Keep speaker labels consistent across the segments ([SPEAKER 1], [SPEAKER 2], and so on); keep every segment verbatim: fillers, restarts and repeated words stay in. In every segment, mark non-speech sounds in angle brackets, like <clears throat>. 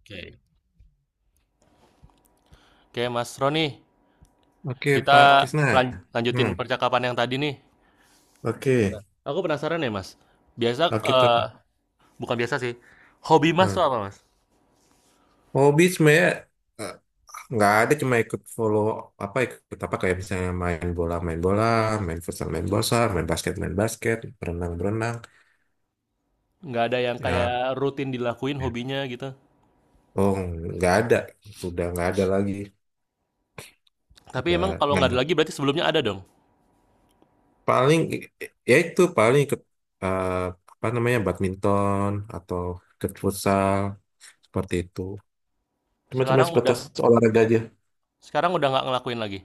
[SPEAKER 1] Oke. Oke, Mas Roni,
[SPEAKER 2] Oke, Pak
[SPEAKER 1] kita
[SPEAKER 2] Krisna.
[SPEAKER 1] lan-
[SPEAKER 2] Hmm,
[SPEAKER 1] lanjutin percakapan yang tadi nih.
[SPEAKER 2] oke.
[SPEAKER 1] Aku penasaran ya, Mas. Biasa
[SPEAKER 2] Oke, kita.
[SPEAKER 1] eh, bukan biasa sih. Hobi Mas
[SPEAKER 2] Nah,
[SPEAKER 1] tuh apa, Mas?
[SPEAKER 2] hobi sebenarnya eh, nggak ada, cuma ikut follow apa ikut apa kayak misalnya main bola main bola main futsal main futsal main basket main basket berenang berenang.
[SPEAKER 1] Nggak ada yang
[SPEAKER 2] Ya,
[SPEAKER 1] kayak rutin dilakuin hobinya gitu.
[SPEAKER 2] oh, nggak ada, udah nggak ada lagi,
[SPEAKER 1] Tapi
[SPEAKER 2] udah
[SPEAKER 1] emang kalau
[SPEAKER 2] nggak
[SPEAKER 1] nggak ada
[SPEAKER 2] ada.
[SPEAKER 1] lagi berarti sebelumnya ada dong.
[SPEAKER 2] Paling i- ya itu paling ikut, eh, apa namanya, badminton atau ikut futsal, seperti itu. Cuma-cuma
[SPEAKER 1] Sekarang udah
[SPEAKER 2] sebatas olahraga aja.
[SPEAKER 1] sekarang udah nggak ngelakuin lagi.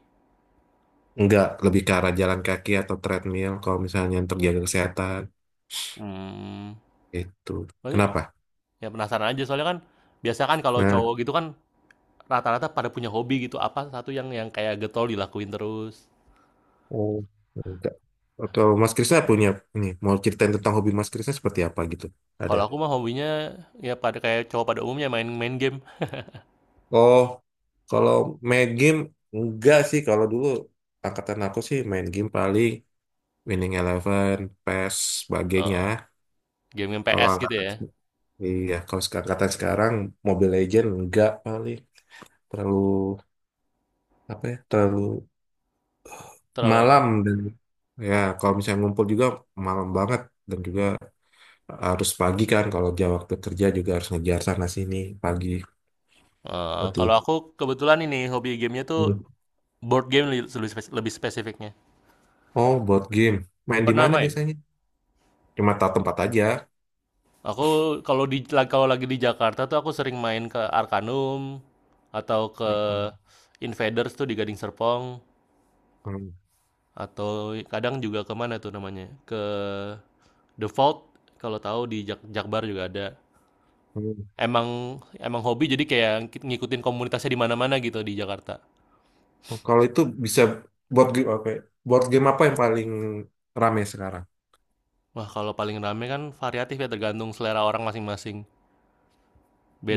[SPEAKER 2] Enggak, lebih ke arah jalan kaki atau treadmill kalau misalnya untuk jaga kesehatan
[SPEAKER 1] Hmm.
[SPEAKER 2] itu.
[SPEAKER 1] Berarti
[SPEAKER 2] Kenapa?
[SPEAKER 1] ya penasaran aja soalnya kan biasa kan kalau
[SPEAKER 2] Nah.
[SPEAKER 1] cowok gitu kan rata-rata pada punya hobi gitu apa satu yang yang kayak getol dilakuin terus.
[SPEAKER 2] Oh, enggak. Atau Mas Krisna punya ini, mau ceritain tentang hobi Mas Krisna seperti apa gitu? Ada.
[SPEAKER 1] Kalau aku mah hobinya ya pada kayak cowok pada umumnya main main game.
[SPEAKER 2] Oh, kalau main game enggak sih. Kalau dulu angkatan aku sih main game paling Winning Eleven, P E S, sebagainya.
[SPEAKER 1] Game-game
[SPEAKER 2] Kalau
[SPEAKER 1] P S gitu
[SPEAKER 2] angkatan,
[SPEAKER 1] ya?
[SPEAKER 2] iya, kalau sek- angkatan sekarang Mobile Legend enggak. Paling terlalu apa ya? Terlalu
[SPEAKER 1] Terlalu apa?
[SPEAKER 2] malam, dan ya kalau misalnya ngumpul juga malam banget, dan juga harus pagi kan, kalau jam waktu kerja juga harus ngejar sana sini pagi,
[SPEAKER 1] Eee,
[SPEAKER 2] seperti
[SPEAKER 1] kalau
[SPEAKER 2] itu.
[SPEAKER 1] aku kebetulan ini hobi gamenya tuh
[SPEAKER 2] Hmm.
[SPEAKER 1] board game li lebih spes lebih spesifiknya.
[SPEAKER 2] Oh, board game. Main di
[SPEAKER 1] Pernah
[SPEAKER 2] mana
[SPEAKER 1] main?
[SPEAKER 2] biasanya? Cuma tahu tempat aja.
[SPEAKER 1] Aku kalau di la kalau lagi di Jakarta tuh aku sering main ke Arcanum atau ke
[SPEAKER 2] Hmm.
[SPEAKER 1] Invaders tuh di Gading Serpong
[SPEAKER 2] Hmm.
[SPEAKER 1] atau kadang juga ke mana tuh namanya? Ke The Vault kalau tahu di Jak Jakbar juga ada.
[SPEAKER 2] Hmm.
[SPEAKER 1] Emang emang hobi jadi kayak ngik ngikutin komunitasnya di mana-mana gitu di Jakarta.
[SPEAKER 2] Oh, kalau itu bisa board game apa, ya? Board game apa yang paling rame sekarang?
[SPEAKER 1] Wah, kalau paling rame kan variatif ya tergantung selera orang masing-masing.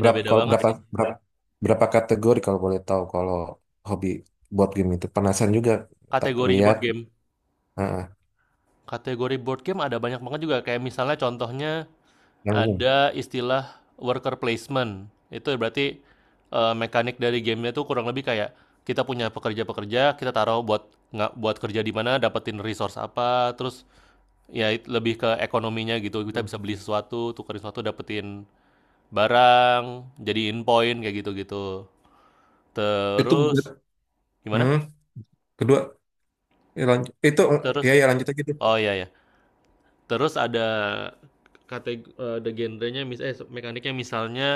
[SPEAKER 2] Berapa, kalau
[SPEAKER 1] banget
[SPEAKER 2] berapa,
[SPEAKER 1] sih.
[SPEAKER 2] berapa, berapa kategori, kalau boleh tahu, kalau hobi board game itu, penasaran juga tak
[SPEAKER 1] Kategori
[SPEAKER 2] lihat.
[SPEAKER 1] board game.
[SPEAKER 2] Ah, ah,
[SPEAKER 1] Kategori board game ada banyak banget juga. Kayak misalnya contohnya
[SPEAKER 2] yang umum.
[SPEAKER 1] ada istilah worker placement. Itu berarti eh, mekanik dari gamenya tuh kurang lebih kayak kita punya pekerja-pekerja, kita taruh buat nggak buat kerja di mana, dapetin resource apa, terus ya lebih ke ekonominya gitu. Kita
[SPEAKER 2] Hmm.
[SPEAKER 1] bisa beli sesuatu, tukerin sesuatu, dapetin barang, jadiin poin kayak gitu-gitu.
[SPEAKER 2] Itu,
[SPEAKER 1] Terus gimana?
[SPEAKER 2] hmm, kedua, ya lanjut. Itu ya,
[SPEAKER 1] Terus
[SPEAKER 2] ya lanjut aja gitu.
[SPEAKER 1] oh iya ya. Terus ada kategori eh, ada genrenya mis eh mekaniknya misalnya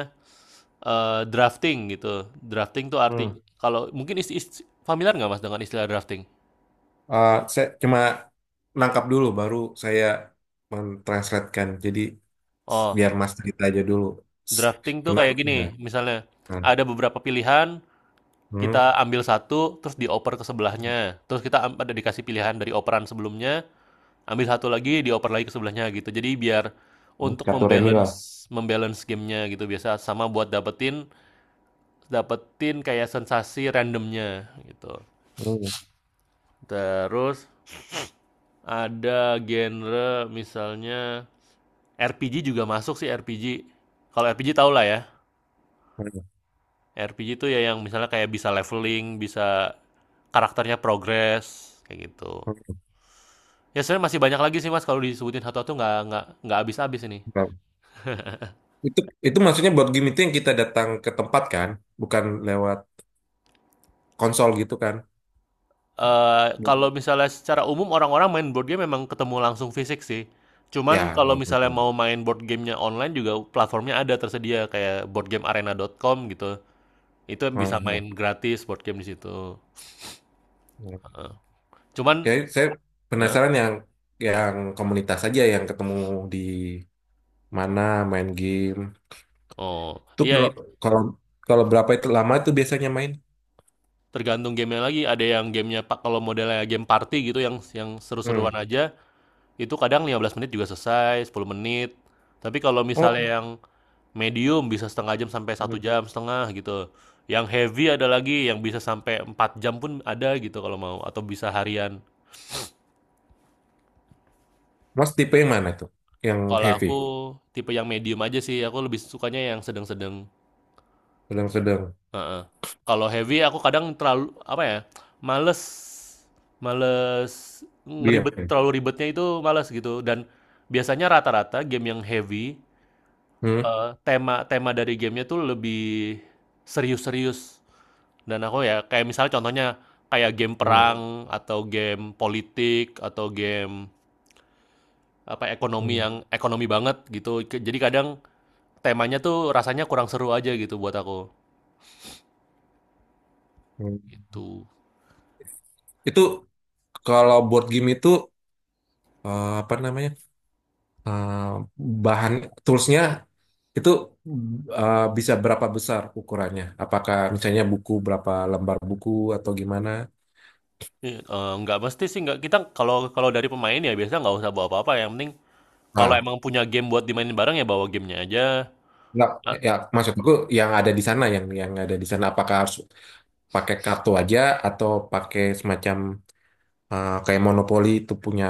[SPEAKER 1] eh, drafting gitu. Drafting tuh arti
[SPEAKER 2] Hmm.
[SPEAKER 1] kalau mungkin is, is- familiar nggak Mas dengan istilah drafting?
[SPEAKER 2] Eh, saya cuma nangkap dulu, baru saya mentranslatekan. Jadi s-
[SPEAKER 1] Oh,
[SPEAKER 2] biar Mas cerita aja dulu. S-
[SPEAKER 1] drafting tuh kayak
[SPEAKER 2] menarik.
[SPEAKER 1] gini,
[SPEAKER 2] Nah,
[SPEAKER 1] misalnya
[SPEAKER 2] nah.
[SPEAKER 1] ada beberapa pilihan,
[SPEAKER 2] Hmm.
[SPEAKER 1] kita ambil satu terus dioper ke sebelahnya. Terus kita am- ada dikasih pilihan dari operan sebelumnya, ambil satu lagi dioper lagi ke sebelahnya gitu. Jadi biar untuk
[SPEAKER 2] Katoremi lah.
[SPEAKER 1] membalance membalance gamenya gitu biasa sama buat dapetin dapetin kayak sensasi randomnya gitu.
[SPEAKER 2] Hmm.
[SPEAKER 1] Terus ada genre misalnya R P G juga masuk sih RPG. Kalau RPG tau lah ya.
[SPEAKER 2] Hmm.
[SPEAKER 1] R P G itu ya yang misalnya kayak bisa leveling, bisa karakternya progress kayak gitu. Ya sebenarnya masih banyak lagi sih mas kalau disebutin satu-satu nggak nggak nggak habis-habis ini.
[SPEAKER 2] Hmm. Itu itu maksudnya board game itu yang kita datang ke tempat kan, bukan lewat konsol gitu kan.
[SPEAKER 1] Eee, kalau misalnya secara umum orang-orang main board game memang ketemu langsung fisik sih. Cuman
[SPEAKER 2] Ya,
[SPEAKER 1] kalau
[SPEAKER 2] board
[SPEAKER 1] misalnya
[SPEAKER 2] game.
[SPEAKER 1] mau main board gamenya online juga platformnya ada tersedia kayak board game arena dot com gitu. Itu
[SPEAKER 2] Hmm.
[SPEAKER 1] bisa
[SPEAKER 2] Hmm.
[SPEAKER 1] main gratis board game di situ,
[SPEAKER 2] Hmm.
[SPEAKER 1] heeh. Cuman
[SPEAKER 2] Jadi saya
[SPEAKER 1] heeh?
[SPEAKER 2] penasaran yang yang komunitas aja yang ketemu di mana main game.
[SPEAKER 1] Oh,
[SPEAKER 2] Tuh
[SPEAKER 1] iya
[SPEAKER 2] kalau,
[SPEAKER 1] it
[SPEAKER 2] kalau, kalau berapa itu lama tuh biasanya main?
[SPEAKER 1] tergantung gamenya lagi, ada yang gamenya pak kalau modelnya game party gitu yang yang seru-seruan
[SPEAKER 2] Hmm.
[SPEAKER 1] aja, itu kadang lima belas menit juga selesai, sepuluh menit. Tapi kalau misalnya
[SPEAKER 2] Oh,
[SPEAKER 1] yang medium bisa setengah jam sampai satu
[SPEAKER 2] hmm.
[SPEAKER 1] jam setengah gitu. Yang heavy ada lagi yang bisa sampai empat jam pun ada gitu kalau mau atau bisa harian.
[SPEAKER 2] Mas tipe yang mana tuh? Yang
[SPEAKER 1] Kalau
[SPEAKER 2] heavy,
[SPEAKER 1] aku tipe yang medium aja sih, aku lebih sukanya yang sedang-sedang.
[SPEAKER 2] sedang-sedang,
[SPEAKER 1] Heeh. Kalau heavy aku kadang terlalu apa ya? Males males ngeribet
[SPEAKER 2] diam.
[SPEAKER 1] terlalu ribetnya itu males gitu dan biasanya rata-rata game yang heavy
[SPEAKER 2] Hmm.
[SPEAKER 1] eh, tema tema dari gamenya tuh lebih serius-serius. Dan aku ya kayak misalnya contohnya kayak game
[SPEAKER 2] Hmm.
[SPEAKER 1] perang atau game politik atau game apa ekonomi
[SPEAKER 2] Hmm.
[SPEAKER 1] yang ekonomi banget gitu. Jadi kadang temanya tuh rasanya kurang seru aja gitu buat aku.
[SPEAKER 2] Hmm.
[SPEAKER 1] Itu
[SPEAKER 2] Itu kalau board game itu, eh, apa namanya? Eh, bahan toolsnya itu, eh, bisa berapa besar ukurannya? Apakah misalnya buku, berapa lembar buku, atau gimana?
[SPEAKER 1] uh, nggak mesti sih nggak kita kalau kalau dari pemain ya biasanya nggak usah bawa apa-apa. Yang penting kalau
[SPEAKER 2] Nah,
[SPEAKER 1] emang punya game buat dimainin bareng ya bawa gamenya aja.
[SPEAKER 2] nggak,
[SPEAKER 1] Ah,
[SPEAKER 2] ya maksudku yang ada di sana, yang yang ada di sana apakah harus pakai kartu aja atau pakai semacam, eh, kayak monopoli itu punya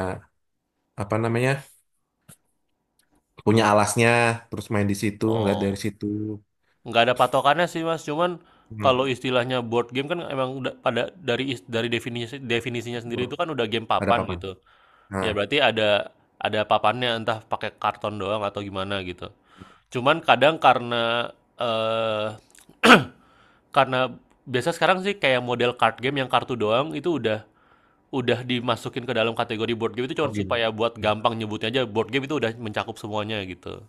[SPEAKER 2] apa namanya, punya alasnya, terus main di situ, ngeliat dari
[SPEAKER 1] oh,
[SPEAKER 2] situ.
[SPEAKER 1] nggak ada patokannya sih mas. Cuman
[SPEAKER 2] Hmm.
[SPEAKER 1] kalau istilahnya board game kan emang udah pada dari is- dari definisi definisinya sendiri
[SPEAKER 2] Board.
[SPEAKER 1] itu kan udah game
[SPEAKER 2] Ada
[SPEAKER 1] papan
[SPEAKER 2] apa,
[SPEAKER 1] gitu.
[SPEAKER 2] nah,
[SPEAKER 1] Ya berarti ada ada papannya, entah pakai karton doang atau gimana gitu. Cuman kadang karena, eee, <clears throat> karena biasa sekarang sih kayak model card game yang kartu doang itu udah udah dimasukin ke dalam kategori board game itu cuman
[SPEAKER 2] board game,
[SPEAKER 1] supaya buat
[SPEAKER 2] nah,
[SPEAKER 1] gampang nyebutnya aja board game itu udah mencakup semuanya gitu.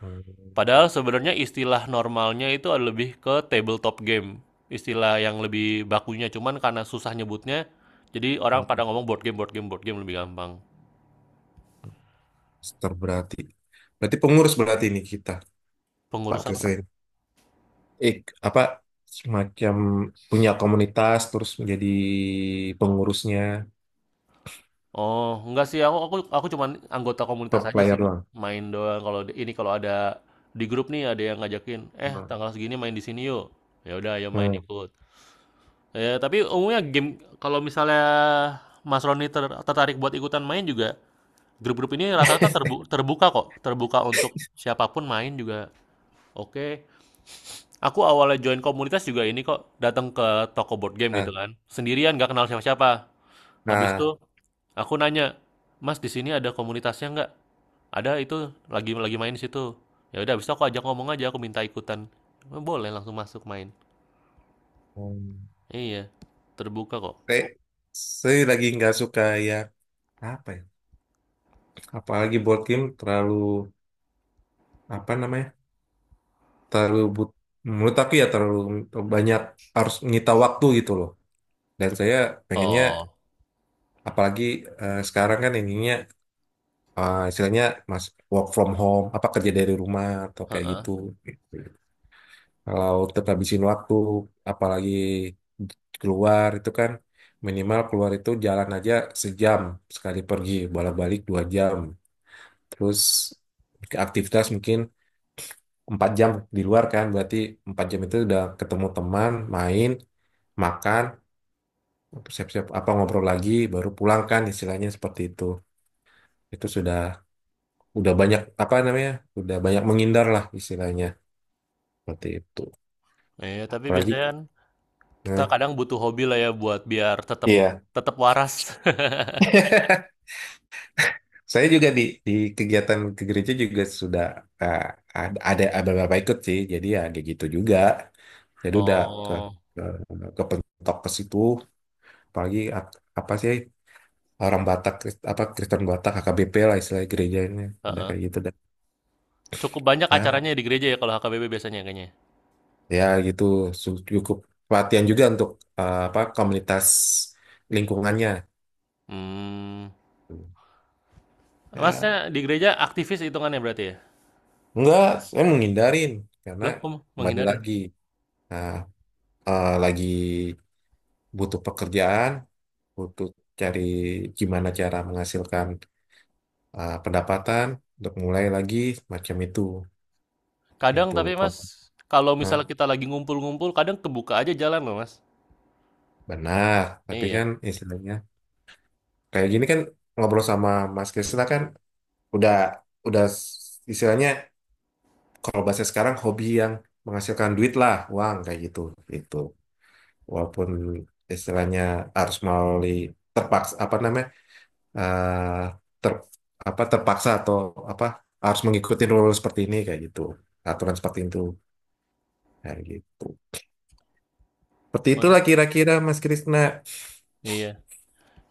[SPEAKER 2] hmm,
[SPEAKER 1] Padahal sebenarnya istilah normalnya itu lebih ke tabletop game, istilah yang lebih bakunya, cuman karena susah nyebutnya, jadi orang pada
[SPEAKER 2] hmm,
[SPEAKER 1] ngomong board game board game board game lebih gampang.
[SPEAKER 2] master, berarti, berarti pengurus, berarti ini kita Pak
[SPEAKER 1] Pengurus apa?
[SPEAKER 2] Kesen, eh, apa, semacam punya komunitas terus menjadi pengurusnya,
[SPEAKER 1] Oh, enggak sih aku aku aku cuman anggota komunitas
[SPEAKER 2] top
[SPEAKER 1] aja
[SPEAKER 2] player
[SPEAKER 1] sih,
[SPEAKER 2] doang.
[SPEAKER 1] main doang kalau di ini kalau ada di grup nih ada yang ngajakin, "Eh,
[SPEAKER 2] Hmm.
[SPEAKER 1] tanggal segini main di sini yuk." Ya udah ayo main
[SPEAKER 2] Hmm.
[SPEAKER 1] ikut. Ya, tapi umumnya game kalau misalnya Mas Roni ter- tertarik buat ikutan main juga, grup-grup ini rata-rata terbu- terbuka kok, terbuka untuk siapapun main juga. Oke. Aku awalnya join komunitas juga ini kok, datang ke toko board game
[SPEAKER 2] Nah,
[SPEAKER 1] gitu kan. Sendirian nggak kenal siapa-siapa. Habis itu
[SPEAKER 2] nah,
[SPEAKER 1] aku nanya, "Mas, di sini ada komunitasnya nggak?" "Ada, itu lagi lagi main di situ." Ya udah, habis itu aku ajak ngomong aja, aku minta ikutan. "Oh, boleh langsung masuk main.
[SPEAKER 2] hmm.
[SPEAKER 1] Iya, terbuka kok."
[SPEAKER 2] saya, saya lagi nggak suka ya, apa ya? Apalagi board game terlalu apa namanya? Terlalu but, menurut aku ya terlalu banyak, harus menyita waktu gitu loh. Dan saya pengennya,
[SPEAKER 1] Oh,
[SPEAKER 2] apalagi, eh, sekarang kan ininya, eh, istilahnya mas, work from home, apa kerja dari rumah atau kayak
[SPEAKER 1] heeh.
[SPEAKER 2] gitu. Kalau tetap habisin waktu, apalagi keluar itu kan minimal keluar itu jalan aja sejam sekali pergi, bolak-balik dua jam. Terus aktivitas mungkin empat jam di luar, kan berarti empat jam itu udah ketemu teman, main, makan, siap-siap, apa, ngobrol lagi baru pulang, kan istilahnya seperti itu. Itu sudah, udah banyak apa namanya, udah banyak menghindar lah istilahnya, seperti itu.
[SPEAKER 1] Iya, tapi
[SPEAKER 2] Apalagi,
[SPEAKER 1] biasanya kan kita
[SPEAKER 2] eh,
[SPEAKER 1] kadang butuh hobi lah ya buat biar tetap
[SPEAKER 2] iya.
[SPEAKER 1] tetap waras. <laughs>
[SPEAKER 2] <laughs> Saya juga di di kegiatan ke gereja juga sudah, eh, ada ada ada beberapa ikut sih, jadi ya kayak gitu juga, jadi udah ke,
[SPEAKER 1] Oh,
[SPEAKER 2] ke, ke pentok ke situ. Apalagi ap- apa sih, orang Batak Krist- apa Kristen Batak, H K B P lah istilahnya gerejanya, udah
[SPEAKER 1] heeh.
[SPEAKER 2] kayak gitu dah.
[SPEAKER 1] Cukup banyak
[SPEAKER 2] Ya,
[SPEAKER 1] acaranya di gereja ya kalau H K B P biasanya kayaknya.
[SPEAKER 2] ya gitu, su- cukup perhatian juga untuk, eh, apa, komunitas lingkungannya,
[SPEAKER 1] Hmm.
[SPEAKER 2] ya.
[SPEAKER 1] Masnya di gereja aktivis hitungannya berarti ya?
[SPEAKER 2] Enggak, saya menghindarin karena
[SPEAKER 1] Loh, kamu
[SPEAKER 2] kembali
[SPEAKER 1] menghindarin?
[SPEAKER 2] lagi, nah, eh, lagi butuh pekerjaan, butuh cari gimana cara menghasilkan, eh, pendapatan untuk mulai lagi, macam itu.
[SPEAKER 1] Kadang
[SPEAKER 2] Itu
[SPEAKER 1] tapi
[SPEAKER 2] kok,
[SPEAKER 1] Mas, kalau
[SPEAKER 2] nah,
[SPEAKER 1] misalnya kita lagi ngumpul-ngumpul, kadang kebuka aja jalan loh Mas.
[SPEAKER 2] benar, tapi
[SPEAKER 1] Iya,
[SPEAKER 2] kan istilahnya, kayak gini kan ngobrol sama Mas Krisna kan udah, udah s- istilahnya, kalau bahasa sekarang, hobi yang menghasilkan duit lah, uang kayak gitu, gitu. Walaupun istilahnya harus melalui, terpaksa apa namanya, eh, ter, apa terpaksa, atau apa, harus mengikuti rule seperti ini kayak gitu, aturan seperti itu, kayak gitu. Seperti
[SPEAKER 1] oh,
[SPEAKER 2] itulah kira-kira Mas Krisna.
[SPEAKER 1] iya.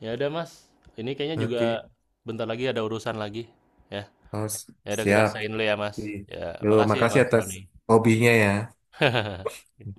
[SPEAKER 1] Ya udah Mas, ini kayaknya juga
[SPEAKER 2] Oke,
[SPEAKER 1] bentar lagi ada urusan lagi. Ya,
[SPEAKER 2] oh, s-
[SPEAKER 1] ya udah kita
[SPEAKER 2] siap.
[SPEAKER 1] sign dulu ya Mas. Ya,
[SPEAKER 2] Yuk,
[SPEAKER 1] makasih ya
[SPEAKER 2] makasih
[SPEAKER 1] Mas.
[SPEAKER 2] atas hobinya ya.
[SPEAKER 1] <laughs>